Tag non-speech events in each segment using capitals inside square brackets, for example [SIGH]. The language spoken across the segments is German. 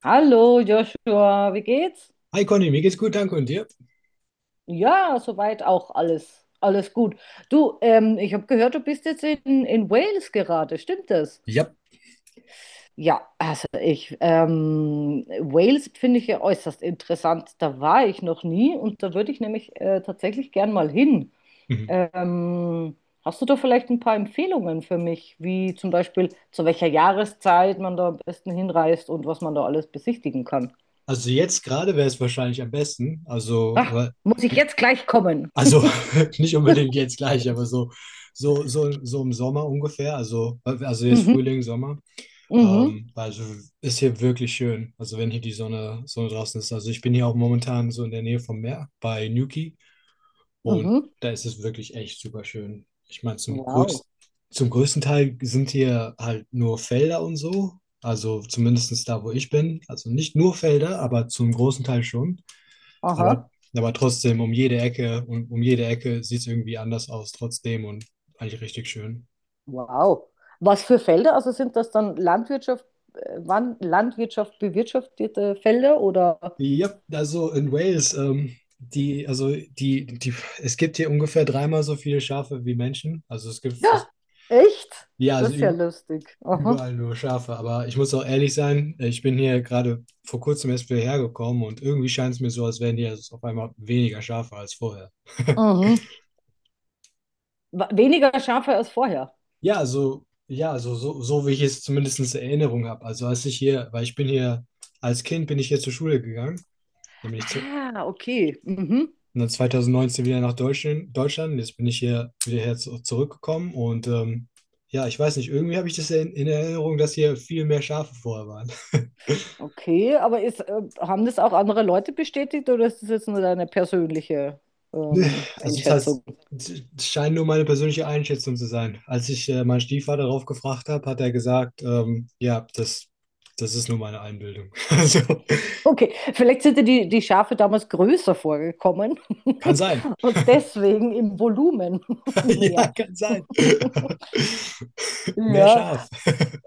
Hallo Joshua, wie geht's? Hi Conny, mir geht's gut, danke und dir? Ja, soweit auch, alles gut. Du, ich habe gehört, du bist jetzt in Wales gerade, stimmt das? Ja. Ja, also ich, Wales finde ich ja äußerst interessant. Da war ich noch nie und da würde ich nämlich tatsächlich gern mal hin. Mhm. Ähm, hast du da vielleicht ein paar Empfehlungen für mich, wie zum Beispiel zu welcher Jahreszeit man da am besten hinreist und was man da alles besichtigen kann? Also jetzt gerade wäre es wahrscheinlich am besten, also, Ach, muss ich jetzt gleich kommen? also [LAUGHS] nicht unbedingt jetzt gleich, aber so im Sommer ungefähr, also, jetzt Mhm. Frühling, Sommer, Mhm, also ist hier wirklich schön, also wenn hier die Sonne draußen ist, also ich bin hier auch momentan so in der Nähe vom Meer bei Newquay. Und mhm. da ist es wirklich echt super schön. Ich meine, zum Wow. größten, zum größten Teil sind hier halt nur Felder und so. Also zumindest da, wo ich bin. Also nicht nur Felder, aber zum großen Teil schon. Aber, Aha, aber trotzdem um jede Ecke und um jede Ecke sieht es irgendwie anders aus, trotzdem und eigentlich richtig schön. wow. Was für Felder? Also sind das dann Landwirtschaft, Landwirtschaft bewirtschaftete Felder oder? Ja, also in Wales, die, also die, die, es gibt hier ungefähr dreimal so viele Schafe wie Menschen. Also es gibt Ja, fast, echt? ja, also Das ist ja lustig. Aha. überall nur Schafe, aber ich muss auch ehrlich sein, ich bin hier gerade vor kurzem erst wieder hergekommen und irgendwie scheint es mir so, als wären hier auf einmal weniger Schafe als vorher. [LAUGHS] Mhm. Weniger Schafe als vorher. Ja, also so wie ich es zumindest in Erinnerung habe. Also als ich hier, weil ich bin hier, als Kind bin ich hier zur Schule gegangen, dann bin ich und Ah, okay. Mhm. dann 2019 wieder nach Deutschland. Jetzt bin ich hier wieder zurückgekommen und ja, ich weiß nicht, irgendwie habe ich das in Erinnerung, dass hier viel mehr Schafe vorher waren. Okay, aber ist, haben das auch andere Leute bestätigt oder ist das jetzt nur deine persönliche Nee. Also das heißt, Einschätzung? es scheint nur meine persönliche Einschätzung zu sein. Als ich meinen Stiefvater darauf gefragt habe, hat er gesagt, ja, das ist nur meine Einbildung. [LAUGHS] Also, Okay, vielleicht sind dir die Schafe damals größer vorgekommen kann [LAUGHS] sein. und deswegen im Volumen [LAUGHS] [LAUGHS] Ja, mehr. kann sein. [LAUGHS] Mehr Ja, Schaf.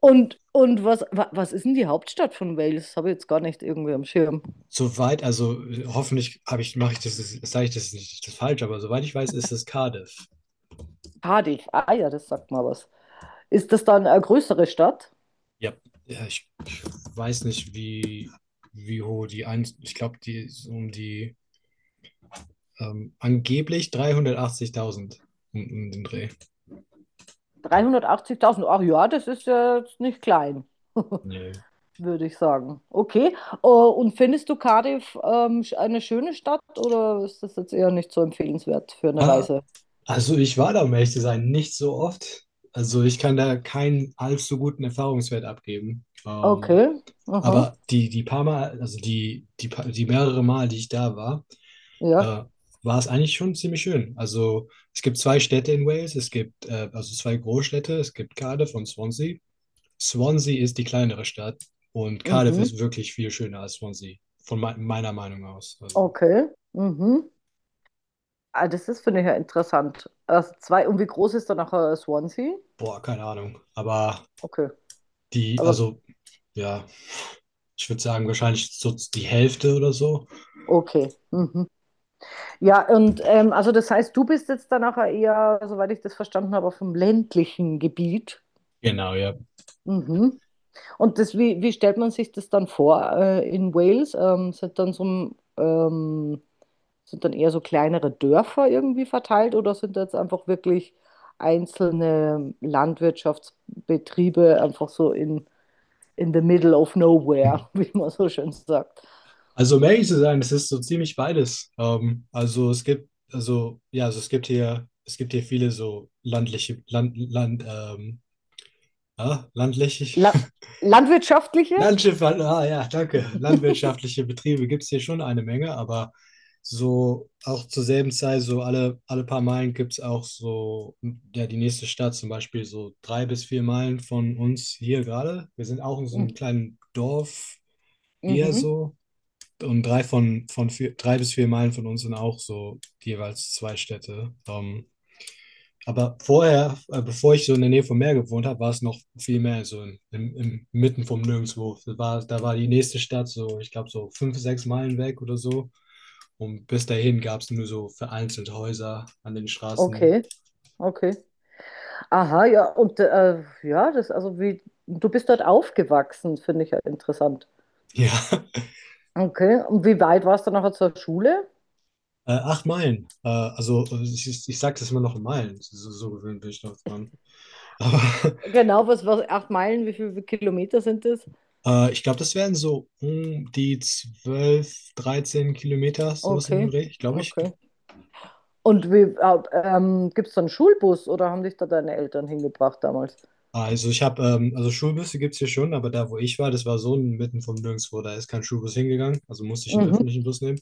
und was, was ist denn die Hauptstadt von Wales? Habe ich jetzt gar nicht irgendwie am Schirm. Soweit, also hoffentlich habe ich, mache ich das, sage ich das nicht das falsch, aber soweit ich weiß, ist es Cardiff. Cardiff, ah ja, das sagt mal was. Ist das dann eine größere Stadt? Ja. Ja, ich weiß nicht, wie hoch die ich glaube, die ist um die angeblich 380.000 um den Dreh. 380.000. Ach ja, das ist ja jetzt nicht klein, Nee. [LAUGHS] würde ich sagen. Okay, oh, und findest du Cardiff, eine schöne Stadt oder ist das jetzt eher nicht so empfehlenswert für eine Ah, Reise? also ich war da, um ehrlich zu sein, nicht so oft. Also ich kann da keinen allzu guten Erfahrungswert abgeben. Okay. Aha. Aber die, die paar Mal, also die, die, pa- die mehrere Mal, die ich da war, Ja. äh, war es eigentlich schon ziemlich schön. Also es gibt zwei Städte in Wales, es gibt also zwei Großstädte, es gibt Cardiff und Swansea. Swansea ist die kleinere Stadt und Cardiff Mhm. ist wirklich viel schöner als Swansea, von meiner Meinung aus. Also, Okay. Mhm. Ah, das ist, finde ich, ja interessant. Also zwei, und wie groß ist dann nachher Swansea? boah, keine Ahnung. Aber Okay. die, Aber also, ja, ich würde sagen, wahrscheinlich so die Hälfte oder so. okay. Mhm. Ja, und also das heißt, du bist jetzt dann nachher eher, soweit ich das verstanden habe, auf dem ländlichen Gebiet. Genau, ja. Mhm. Und das, wie, wie stellt man sich das dann vor, in Wales? Sind dann so sind dann eher so kleinere Dörfer irgendwie verteilt oder sind jetzt einfach wirklich einzelne Landwirtschaftsbetriebe einfach so in the middle of nowhere, Mhm. [LAUGHS] wie man so schön sagt? Also, um ehrlich zu sein, es ist so ziemlich beides. Also es gibt, also, ja, also es gibt hier viele so landläufig, La [LAUGHS] landwirtschaftliche? Landschiff, ah ja, danke. Landwirtschaftliche Betriebe gibt es hier schon eine Menge, aber so auch zur selben Zeit, so alle paar Meilen gibt es auch so, ja, die nächste Stadt zum Beispiel, so 3 bis 4 Meilen von uns hier gerade. Wir sind auch in so Mhm. einem kleinen Dorf eher Mhm. so. Und 3 bis 4 Meilen von uns sind auch so jeweils zwei Städte. Aber vorher, bevor ich so in der Nähe vom Meer gewohnt habe, war es noch viel mehr so im mitten vom Nirgendwo. Da war die nächste Stadt so, ich glaube, so 5, 6 Meilen weg oder so. Und bis dahin gab es nur so vereinzelt Häuser an den Straßen. Okay, okay. Aha, ja, und ja, das, also wie, du bist dort aufgewachsen, finde ich ja interessant. Ja. [LAUGHS] Okay, und wie weit warst du nachher zur Schule? 8 Meilen. Also ich, ich sag's jetzt mal noch in Meilen. So, so gewöhnt bin ich noch dran. Aber Genau, 8 Meilen, wie viele Kilometer sind das? [LAUGHS] Ich glaube, das wären so um die 12 13 Kilometer, sowas in den Okay, Dreh, glaube ich. okay. Und wie, gibt es da einen Schulbus oder haben dich da deine Eltern hingebracht damals? Also ich habe, also Schulbusse gibt es hier schon, aber da, wo ich war, das war so mitten vom Nirgendwo, da ist kein Schulbus hingegangen, also musste ich einen Mhm. öffentlichen Bus nehmen.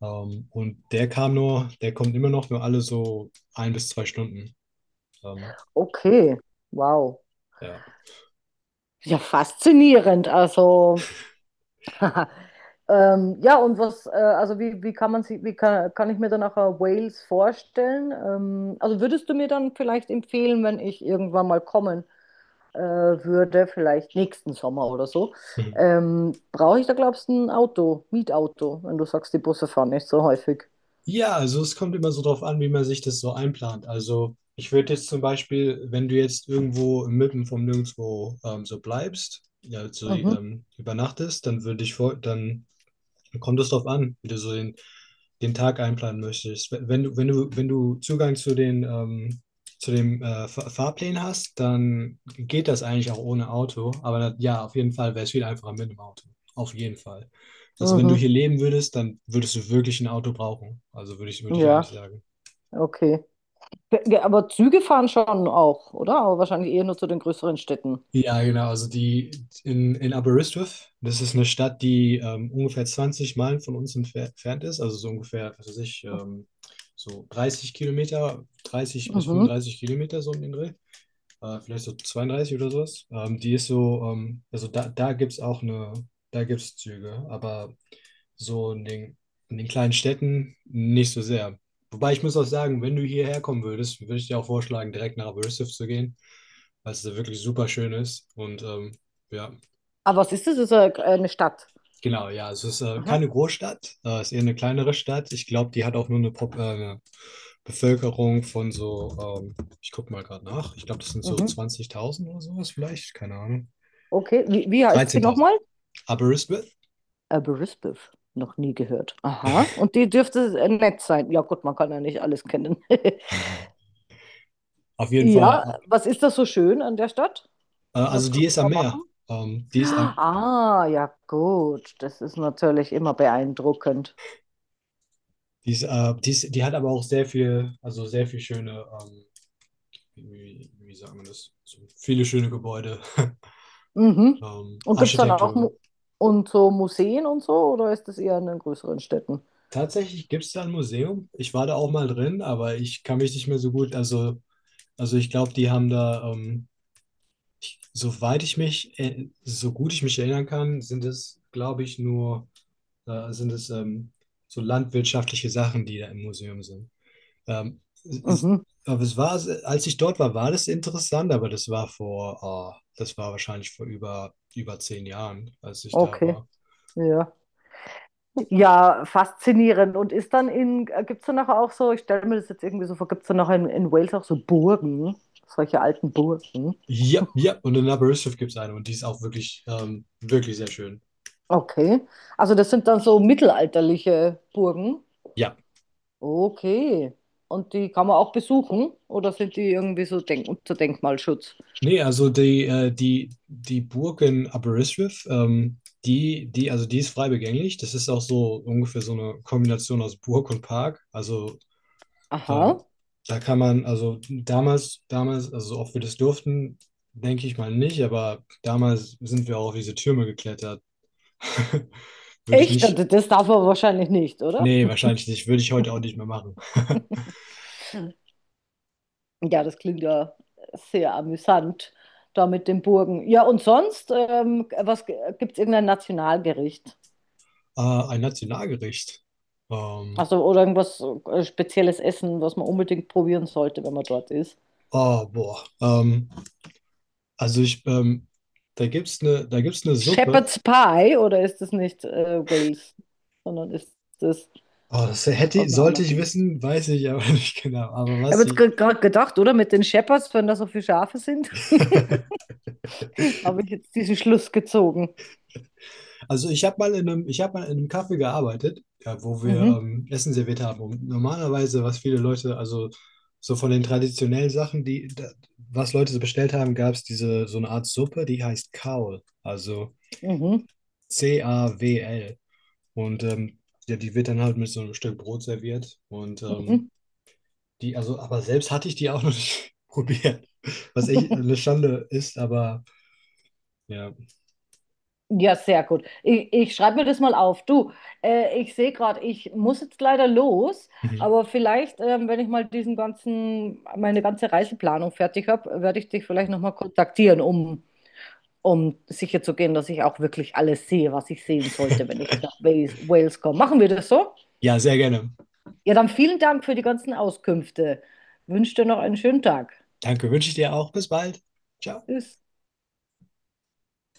Der kommt immer noch nur alle so 1 bis 2 Stunden. Ähm, Okay, wow. ja. Ja, faszinierend. Also, [LAUGHS] ja, und was, also wie, wie kann man sich, wie kann, kann ich mir dann nachher Wales vorstellen? Also würdest du mir dann vielleicht empfehlen, wenn ich irgendwann mal kommen würde, vielleicht nächsten Sommer oder so, Mhm. Brauche ich da, glaubst du, ein Auto, Mietauto, wenn du sagst, die Busse fahren nicht so häufig. Ja, also es kommt immer so drauf an, wie man sich das so einplant. Also ich würde jetzt zum Beispiel, wenn du jetzt irgendwo mitten vom Nirgendwo so bleibst, ja, so Mhm, übernachtest, dann würde dann kommt es darauf an, wie du so den Tag einplanen möchtest. Wenn du Zugang zu zu dem Fahrplan hast, dann geht das eigentlich auch ohne Auto. Aber ja, auf jeden Fall wäre es viel einfacher mit dem Auto. Auf jeden Fall. Also wenn du mhm, hier leben würdest, dann würdest du wirklich ein Auto brauchen. Also würde ich ja. eigentlich sagen. Okay. Aber Züge fahren schon auch, oder? Aber wahrscheinlich eher nur zu den größeren Städten. Ja, genau. Also in Aberystwyth, das ist eine Stadt, die ungefähr 20 Meilen von uns entfernt ist, also so ungefähr, was weiß ich, so 30 Kilometer, dreißig bis Mhm. fünfunddreißig Kilometer so um den Dreh vielleicht so 32 oder sowas. Also da gibt es auch eine, da gibt es Züge, aber so in den kleinen Städten nicht so sehr. Wobei ich muss auch sagen, wenn du hierher kommen würdest, würde ich dir auch vorschlagen, direkt nach Aberystwyth zu gehen, weil es da wirklich super schön ist und ja. Aber was ist das? Das ist eine Stadt. Genau, ja, es ist Aha. keine Großstadt, es ist eher eine kleinere Stadt. Ich glaube, die hat auch nur eine, Pop eine Bevölkerung von so, ich gucke mal gerade nach, ich glaube, das sind so Mhm. 20.000 oder sowas vielleicht, keine Ahnung. Okay. Wie, wie heißt die nochmal? 13.000. Aberystwyth, Brisbane. Noch nie gehört. Aha. Und die dürfte nett sein. Ja gut, man kann ja nicht alles kennen. [LAUGHS] auf jeden Fall. Ja, was ist das so schön an der Stadt? Was Also kann die man ist am da Meer. machen? Die ist am, Ah, ja gut. Das ist natürlich immer beeindruckend. die ist, die ist, die hat aber auch sehr viel, also sehr viel schöne, wie, wie sagt man das? So viele schöne Gebäude, [LAUGHS] Mhm. Und gibt es dann auch Mu Architektur. und so Museen und so, oder ist das eher in den größeren Städten? Tatsächlich gibt es da ein Museum. Ich war da auch mal drin, aber ich kann mich nicht mehr so gut. Also ich glaube, die haben da, soweit ich mich, so gut ich mich erinnern kann, sind es, glaube ich, nur, sind es so landwirtschaftliche Sachen, die da im Museum sind. Ähm, es, es- Mhm. aber es war, als ich dort war, war das interessant, aber das war vor, ah, das war wahrscheinlich vor über 10 Jahren, als ich da Okay. war. Ja. Ja, faszinierend. Und ist dann in, gibt es dann nachher auch so, ich stelle mir das jetzt irgendwie so vor, gibt es dann nachher in Wales auch so Burgen, solche alten Burgen? Ja, ja, und in Aberystwyth gibt es eine und die ist auch wirklich, wirklich sehr schön. Okay. Also das sind dann so mittelalterliche Burgen. Ja. Okay. Und die kann man auch besuchen? Oder sind die irgendwie so denk unter Denkmalschutz? Nee, also die Burg in Aberystwyth, also die ist frei begänglich. Das ist auch so ungefähr so eine Kombination aus Burg und Park. Also ähm, Aha. da kann man, also damals, also ob wir das durften, denke ich mal nicht, aber damals sind wir auch auf diese Türme geklettert. [LAUGHS] Würde ich Echt? nicht, Das darf man wahrscheinlich nicht, oder? nee, wahrscheinlich nicht, würde ich heute auch nicht mehr machen. Ja, das klingt ja sehr amüsant, da mit den Burgen. Ja, und sonst, was gibt es irgendein Nationalgericht? Ein Nationalgericht. Ähm, Also, oder irgendwas spezielles Essen, was man unbedingt probieren sollte, wenn man dort ist? oh, boah. Also ich, da da gibt's eine Suppe. Shepherd's Pie oder ist das nicht Wales, sondern ist das Oh, das aus einer sollte anderen ich Gegend? wissen, weiß ich aber [LAUGHS] nicht genau. Ich Aber was habe jetzt sie. gerade gedacht, oder mit den Shepherds, wenn da so viele Schafe sind, [LAUGHS] [LAUGHS] habe ich jetzt diesen Schluss gezogen. Also ich habe mal in einem Café gearbeitet, ja, wo wir Mhm, Essen serviert haben. Und normalerweise, was viele Leute, also so von den traditionellen Sachen, die, da, was Leute so bestellt haben, gab es diese so eine Art Suppe, die heißt Cawl, also mhm, Cawl. Und ja, die wird dann halt mit so einem Stück Brot serviert. Und mhm. die, also, aber selbst hatte ich die auch noch nicht [LAUGHS] probiert. Was echt eine Schande ist, aber ja. Ja, sehr gut. Ich schreibe mir das mal auf. Du, ich sehe gerade, ich muss jetzt leider los, Mhm. aber vielleicht, wenn ich mal diesen ganzen, meine ganze Reiseplanung fertig habe, werde ich dich vielleicht nochmal kontaktieren, um, um sicher zu gehen, dass ich auch wirklich alles sehe, was ich sehen sollte, wenn [LAUGHS] ich nach Wales komme. Machen wir das so? Ja, sehr gerne. Ja, dann vielen Dank für die ganzen Auskünfte. Wünsche dir noch einen schönen Tag. Danke, wünsche ich dir auch. Bis bald. Ciao. Tschüss.